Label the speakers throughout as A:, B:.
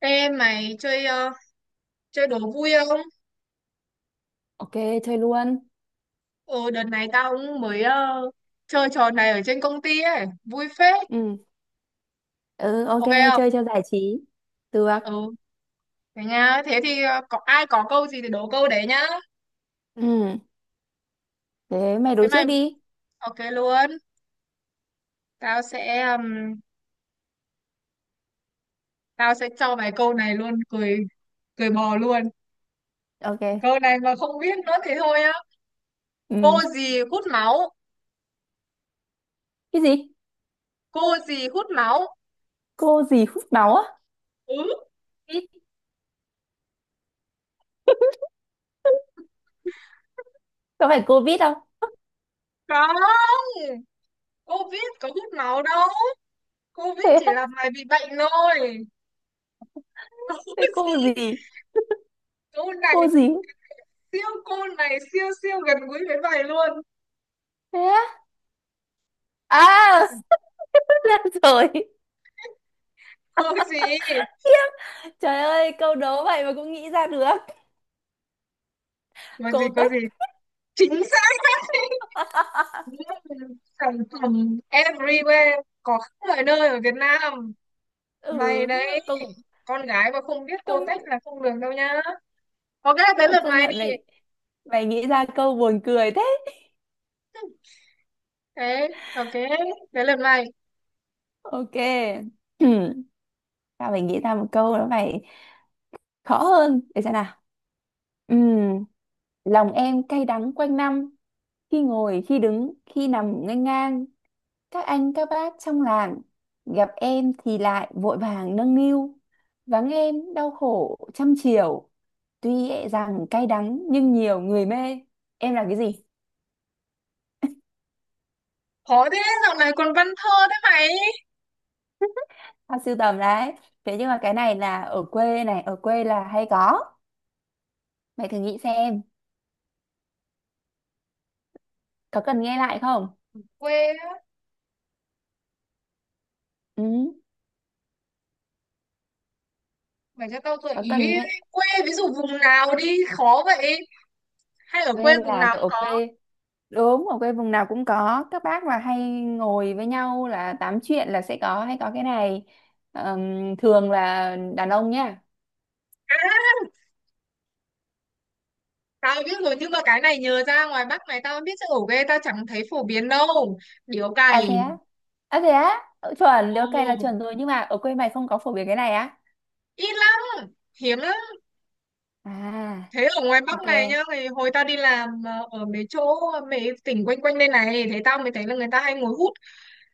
A: Ê mày chơi chơi đố vui không?
B: Ok, chơi luôn.
A: Ồ đợt này tao cũng mới chơi trò này ở trên công ty ấy, vui phết.
B: Ừ, ừ, ok,
A: Ok không?
B: chơi cho giải trí. Được.
A: Ừ, thế nha. Thế thì có ai có câu gì thì đố câu đấy nhá.
B: Ừ, thế mày
A: Thế
B: đố trước
A: mày
B: đi.
A: ok luôn. Tao sẽ ừm, tao sẽ cho mày câu này luôn, cười cười bò luôn.
B: Ok.
A: Câu này mà không biết nữa thì thôi á.
B: Ừ.
A: Cô gì hút máu?
B: Cái gì?
A: Cô gì hút máu?
B: Cô gì hút máu á?
A: Ừ,
B: Vít. Có phải covid Vít không?
A: không. Cô biết có hút máu đâu. Cô biết
B: Thế
A: chỉ
B: á,
A: là mày bị bệnh thôi.
B: thế cô
A: gì
B: gì?
A: câu này
B: Cô gì?
A: siêu, cô này siêu siêu gần gũi với bài luôn.
B: Thế á? À, ra rồi.
A: có gì
B: Khiếp. Trời ơi, câu đố vậy mà cũng nghĩ ra được.
A: có gì
B: Cô
A: có gì
B: Tách.
A: chính xác. Sản phẩm everywhere, có khắp mọi nơi ở Việt Nam. Mày
B: Ừ, mà
A: đấy,
B: công
A: con gái mà không biết cô
B: công
A: tách là không được đâu nhá. Ok, tới lượt
B: công
A: mày đi.
B: nhận mày mày nghĩ ra câu buồn cười thế.
A: Thế ok tới lượt mày
B: Ok. Sao mày nghĩ ra một câu nó phải khó hơn để xem nào. Ừm, Lòng em cay đắng quanh năm, khi ngồi khi đứng khi nằm nghênh ngang, các anh các bác trong làng, gặp em thì lại vội vàng nâng niu, vắng em đau khổ trăm chiều, tuy e rằng cay đắng nhưng nhiều người mê. Em là cái gì?
A: Khó thế, dạo này còn văn thơ thế mày?
B: Tao sưu tầm đấy. Thế nhưng mà cái này là ở quê này, ở quê là hay có. Mày thử nghĩ xem. Có cần nghe lại không?
A: Quê á?
B: Ừ,
A: Mày cho tao gợi
B: có
A: ý.
B: cần nghe.
A: Quê ví dụ vùng nào đi, khó vậy. Hay ở quê
B: Quê
A: vùng
B: là
A: nào
B: kiểu
A: cũng
B: ở
A: có?
B: quê. Đúng, ở quê vùng nào cũng có. Các bác là hay ngồi với nhau là tám chuyện là sẽ có hay có cái này. Thường là đàn ông nhá.
A: À, tao biết rồi, nhưng mà cái này nhờ ra ngoài Bắc này tao biết chỗ ghê, tao chẳng thấy phổ biến đâu. Điếu
B: À thế
A: cày.
B: á? À thế á? Ừ, chuẩn,
A: Ừ,
B: ok là chuẩn rồi. Nhưng mà ở quê mày không có phổ biến cái này á?
A: ít lắm, hiếm lắm.
B: À,
A: Thế ở ngoài Bắc
B: ok.
A: này nhá, thì hồi tao đi làm ở mấy chỗ, mấy tỉnh quanh quanh đây này, thế tao mới thấy là người ta hay ngồi hút.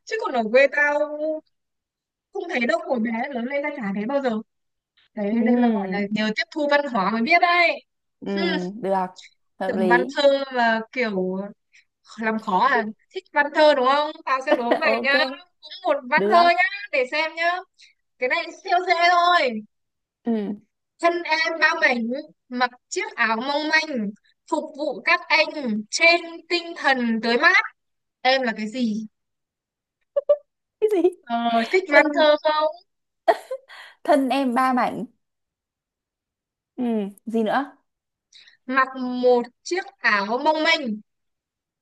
A: Chứ còn ở quê tao không thấy đâu, hồi bé lớn lên tao chả thấy bao giờ. Đấy,
B: Ừ,
A: đây là gọi là nhờ tiếp thu văn hóa mới biết đấy.
B: ừ,
A: Hmm.
B: được. Hợp
A: Tưởng văn
B: lý.
A: thơ mà kiểu làm khó à. Thích văn thơ đúng không, tao sẽ đố mày nhá.
B: Ok,
A: Cũng một văn thơ
B: được.
A: nhá. Để xem nhá, cái này siêu dễ thôi.
B: Ừ.
A: Thân em bao mảnh, mặc chiếc áo mong manh, phục vụ các anh trên tinh thần tới mát. Em là cái gì?
B: Cái gì?
A: ờ, Thích văn
B: Thân,
A: thơ không?
B: thân em ba mảnh. Ừ, gì nữa?
A: Mặc một chiếc áo mong manh,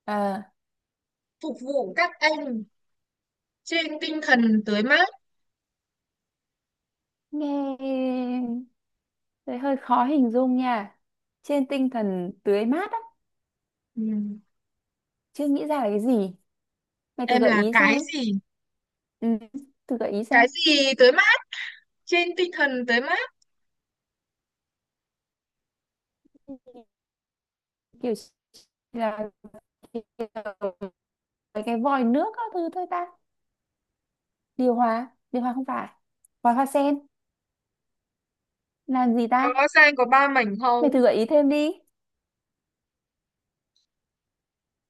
B: Ờ,
A: phục vụ các anh trên tinh thần tới mát.
B: nghe. Đấy hơi khó hình dung nha. Trên tinh thần tưới mát á,
A: Ừ.
B: chưa nghĩ ra là cái gì. Mày thử
A: Em
B: gợi
A: là
B: ý
A: cái
B: xem.
A: gì?
B: Ừ, thử gợi ý xem.
A: Cái gì tới mát, trên tinh thần tới mát.
B: Kiểu là kiểu mấy cái vòi nước các thứ thôi ta. Điều hòa không phải. Vòi hoa sen, làm gì ta?
A: Có ra có ba mảnh không?
B: Mày thử gợi ý thêm đi.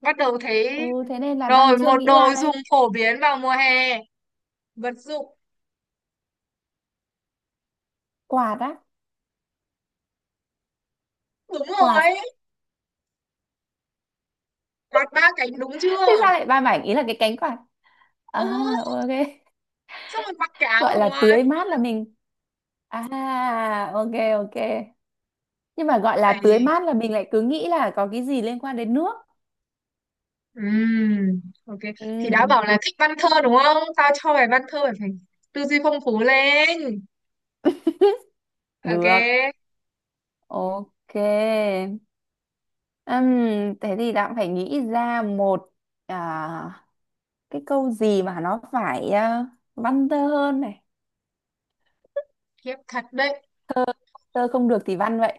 A: Bắt đầu
B: Ừ,
A: thấy
B: thế nên là đang
A: rồi,
B: chưa
A: một
B: nghĩ ra
A: đồ
B: đây.
A: dùng phổ biến vào mùa hè, vật dụng.
B: Quạt á,
A: Đúng rồi,
B: quạt.
A: quạt ba cánh đúng
B: Thế
A: chưa?
B: sao lại ba mảnh ý là cái cánh quạt? À,
A: Ừ,
B: ok.
A: xong rồi mặc cái áo
B: Gọi
A: ở
B: là
A: ngoài
B: tưới mát
A: luôn.
B: là mình. À, ok, ok. Nhưng mà gọi là tưới
A: Phải.
B: mát là mình lại cứ nghĩ là có cái gì liên quan đến nước.
A: Ok. Thì đã
B: Ừ.
A: bảo là thích văn thơ đúng không, tao cho mày văn thơ, mày phải tư duy phong phú lên. Ok.
B: Được, ok. Ừm, Thế thì đã phải nghĩ ra một à, cái câu gì mà nó phải văn tơ hơn này.
A: Khiếp thật đấy.
B: Tơ không được thì văn vậy.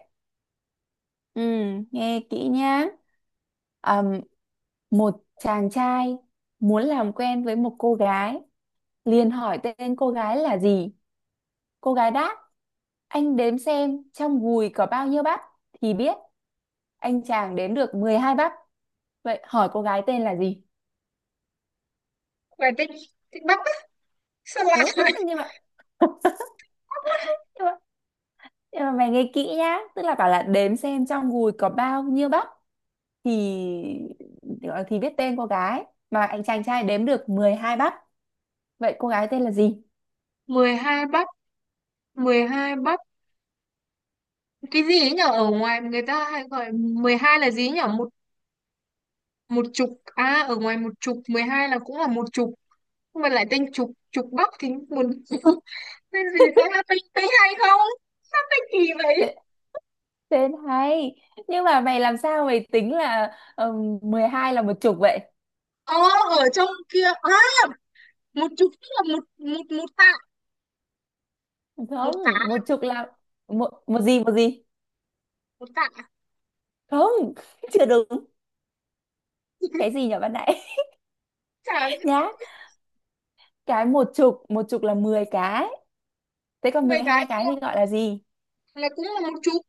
B: Nghe kỹ nhá. Ừm, Một chàng trai muốn làm quen với một cô gái, liền hỏi tên cô gái là gì. Cô gái đáp, anh đếm xem trong gùi có bao nhiêu bắp thì biết. Anh chàng đếm được 12 bắp. Vậy hỏi cô gái tên là gì?
A: Mày thích thích bắt á? Sao
B: Ừ,
A: lại
B: nhưng mà, nhưng mà, nhưng mà mày nghe kỹ nhá. Tức là bảo là đếm xem trong gùi có bao nhiêu bắp thì thì biết tên cô gái. Mà anh chàng trai đếm được 12 bắp. Vậy cô gái tên là gì?
A: 12 bắt, 12 bắt, cái gì ấy nhở? Ở ngoài người ta hay gọi 12 là gì ấy nhở? Một chục à, ở ngoài một chục 12 là cũng là một chục. Nhưng mà lại tên chục, chục bắc thì buồn. Tên gì ta, là tên tên hay không, tên kỳ vậy.
B: Tê- Tên hay. Nhưng mà mày làm sao mày tính là 12 là một chục vậy?
A: Ờ, ở trong kia à, một chục tức là một một một tạ. Một tá.
B: Không, một chục là một một gì một gì.
A: Một tạ.
B: Không. Chưa đúng. Cái gì nhỉ bạn nãy?
A: Chả.
B: Nhá. Cái một chục là 10 cái. Thế còn
A: Mười
B: mười
A: cái
B: hai
A: thì
B: cái
A: là
B: thì gọi là gì?
A: là cũng là một chục.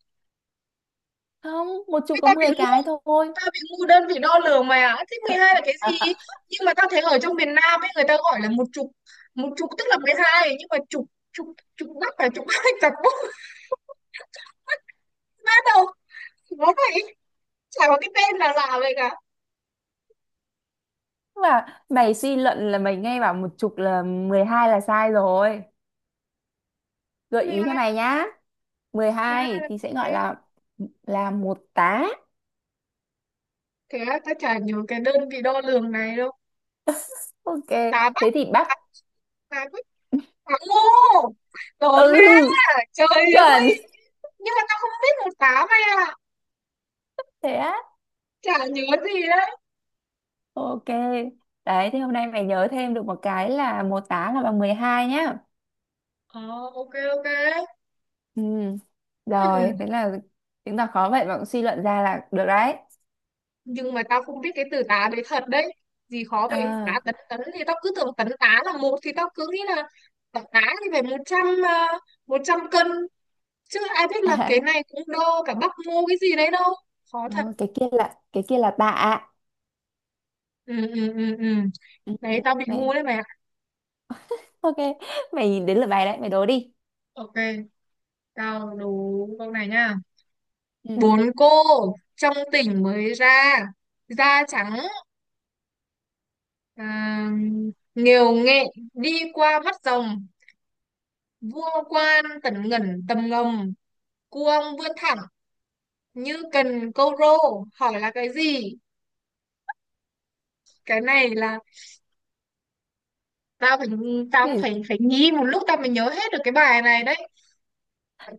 B: Không, một
A: Thế
B: chục có
A: ta bị
B: mười
A: ngu,
B: cái thôi.
A: ta bị ngu đơn vị đo lường mà, thế 12 là cái gì? Nhưng mà ta thấy ở trong miền Nam ấy, người ta gọi là một chục, một chục tức là mười hai. Nhưng mà chục, chục chục bắc là chục hai. Chặt bút hết đâu, nó vậy, chả có cái tên nào lạ vậy cả.
B: Mà mày suy luận là mày nghe bảo một chục là 12 là sai rồi. Gợi
A: Thế
B: ý cho
A: ai,
B: mày nhá. Mười
A: thế ai
B: hai
A: là
B: thì
A: cái
B: sẽ gọi
A: thế.
B: là một tá.
A: Thế là tao chả nhớ cái đơn vị đo lường này đâu.
B: Ok,
A: Cá bách.
B: thế thì bác.
A: Cá cá bách, cá ngô, đổ ra.
B: Ừ,
A: Trời
B: chuẩn.
A: ơi, nhưng mà tao không biết một cá, mày à,
B: Thế á.
A: chả nhớ gì đấy.
B: Ok. Đấy, thì hôm nay mày nhớ thêm được một cái là một tá là bằng 12 nhá.
A: Ờ, ok, ok.
B: Ừ. Rồi,
A: Hmm.
B: thế là chứng tỏ khó vậy mà cũng suy luận ra là được đấy.
A: Nhưng mà tao không biết cái từ tá đấy thật đấy. Gì khó vậy, tá
B: À,
A: tấn tấn thì tao cứ tưởng tấn tá là một, thì tao cứ nghĩ là tấn tá thì phải một trăm một trăm cân, chứ ai biết là cái này cũng đo cả bắp ngô cái gì đấy đâu. Khó
B: ờ,
A: thật.
B: cái kia là tạ.
A: Ừ, ừ, ừ, ừ.
B: Ừ, ừ,
A: Đấy tao bị
B: này.
A: ngu đấy mày ạ.
B: Ok, mày nhìn đến lượt bài đấy, mày đố đi.
A: Ok, tao đố câu này nha.
B: Ừ.
A: Bốn cô trong tỉnh mới ra, da trắng, à, nghều nghệ, đi qua mắt rồng, vua quan tần ngẩn tầm ngầm, cuông vươn thẳng như cần câu rô. Hỏi là cái gì? Cái này là tao phải, tao cũng
B: Này,
A: phải phải nghĩ một lúc tao mới nhớ hết được cái bài này đấy.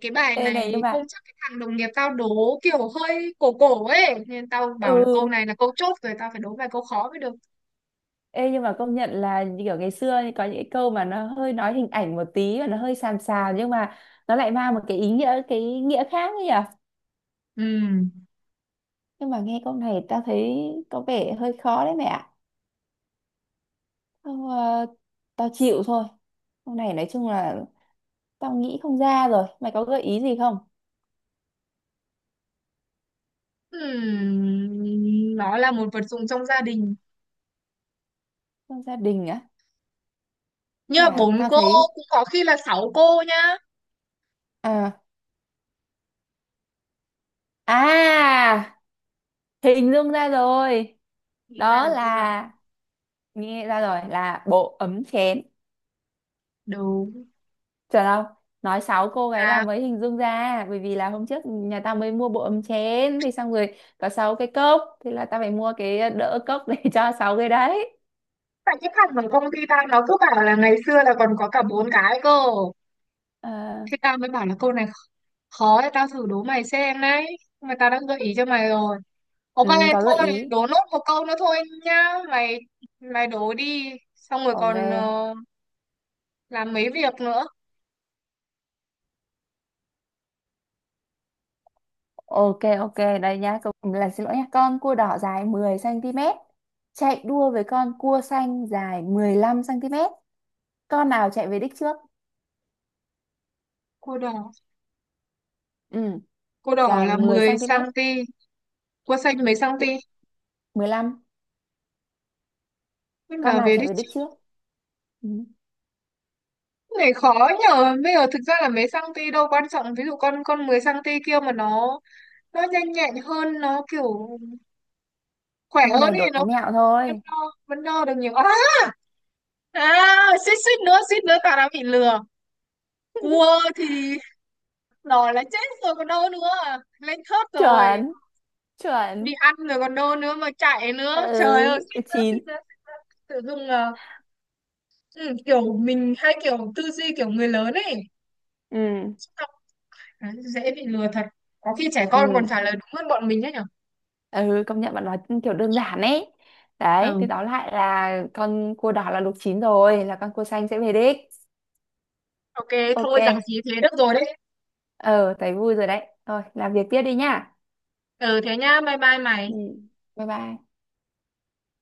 A: Cái bài
B: ê này nhưng
A: này hôm
B: mà,
A: trước cái thằng đồng nghiệp tao đố kiểu hơi cổ cổ ấy, nên tao bảo là câu
B: ừ,
A: này là câu chốt rồi, tao phải đố vài câu khó mới được.
B: ê nhưng mà công nhận là như kiểu ngày xưa ấy, có những cái câu mà nó hơi nói hình ảnh một tí và nó hơi sàm sàm, nhưng mà nó lại mang một cái ý nghĩa, cái nghĩa khác ấy nhỉ.
A: Ừm.
B: Nhưng mà nghe câu này tao thấy có vẻ hơi khó đấy mẹ ạ. Tao, ờ, tao chịu thôi. Câu này nói chung là tao nghĩ không ra rồi. Mày có gợi ý gì không?
A: Nó là một vật dụng trong gia đình,
B: Trong gia đình á?
A: như
B: Mà
A: bốn
B: tao
A: cô,
B: thấy,
A: cũng có khi là sáu cô nhá.
B: à à hình dung ra rồi.
A: Nghĩ ra
B: Đó
A: được chưa?
B: là, nghe ra rồi, là bộ ấm chén.
A: Đúng.
B: Chờ đâu, nói xấu cô gái là
A: Là
B: mới hình dung ra, bởi vì là hôm trước nhà tao mới mua bộ ấm chén thì xong rồi có sáu cái cốc thì là tao phải mua cái đỡ cốc để cho sáu cái đấy.
A: tại cái thằng ở công ty tao nó cứ bảo là ngày xưa là còn có cả bốn cái cơ,
B: Ờ,
A: thế tao mới bảo là câu này khó. Khó thì tao thử đố mày xem đấy, mà tao đã gợi ý cho mày rồi. Ok.
B: ừ, có gợi
A: Thôi
B: ý.
A: đố nốt một câu nữa thôi nhá. Mày, mày đố đi. Xong rồi
B: Ok,
A: còn làm mấy việc nữa.
B: ok, ok. Đây nhá, câu là xin lỗi nhá. Con cua đỏ dài 10 cm chạy đua với con cua xanh dài 15 cm. Con nào chạy về đích trước?
A: Cô đỏ.
B: Ừ,
A: Cô đỏ
B: dài
A: là mười
B: 10 cm.
A: xăng ti, cô xanh mấy xăng ti?
B: Cu- 15.
A: Thế
B: Con
A: là
B: nào
A: về đi
B: chạy về đích
A: chứ.
B: trước? Ừ.
A: Cái này khó nhờ. Bây giờ thực ra là mấy xăng ti đâu quan trọng, ví dụ con mười xăng ti kia mà nó nhanh nhẹn hơn, nó kiểu khỏe
B: Câu
A: hơn
B: này
A: thì
B: đố
A: nó vẫn,
B: mẹo
A: vẫn
B: thôi.
A: đo vẫn đo được nhiều. À, à, suýt suýt nữa, suýt nữa tao đã bị lừa. Cua thì rồi là chết rồi còn đâu nữa, lên thớt rồi.
B: Chuẩn, chuẩn.
A: Đi ăn rồi còn đâu nữa mà chạy nữa. Trời ơi,
B: Ừ,
A: suýt nữa suýt
B: 9.
A: nữa Suýt nữa Tự dưng là, ừ, kiểu mình hay kiểu tư duy kiểu người lớn ấy.
B: Ừ,
A: Đấy, dễ bị lừa thật. Có khi trẻ con còn
B: ừ.
A: trả lời đúng hơn bọn mình đấy nhở.
B: Ừ, công nhận bạn nói kiểu đơn giản ấy. Đấy
A: Ừ,
B: thì đó lại là con cua đỏ là luộc chín rồi, là con cua xanh sẽ về đích.
A: ok. Thôi rằng
B: Ok.
A: gì thế, được rồi đấy.
B: Ờ, thấy vui rồi đấy, thôi làm việc tiếp đi nhá.
A: Ừ, thế nhá, bye bye
B: Ừ,
A: mày.
B: bye bye.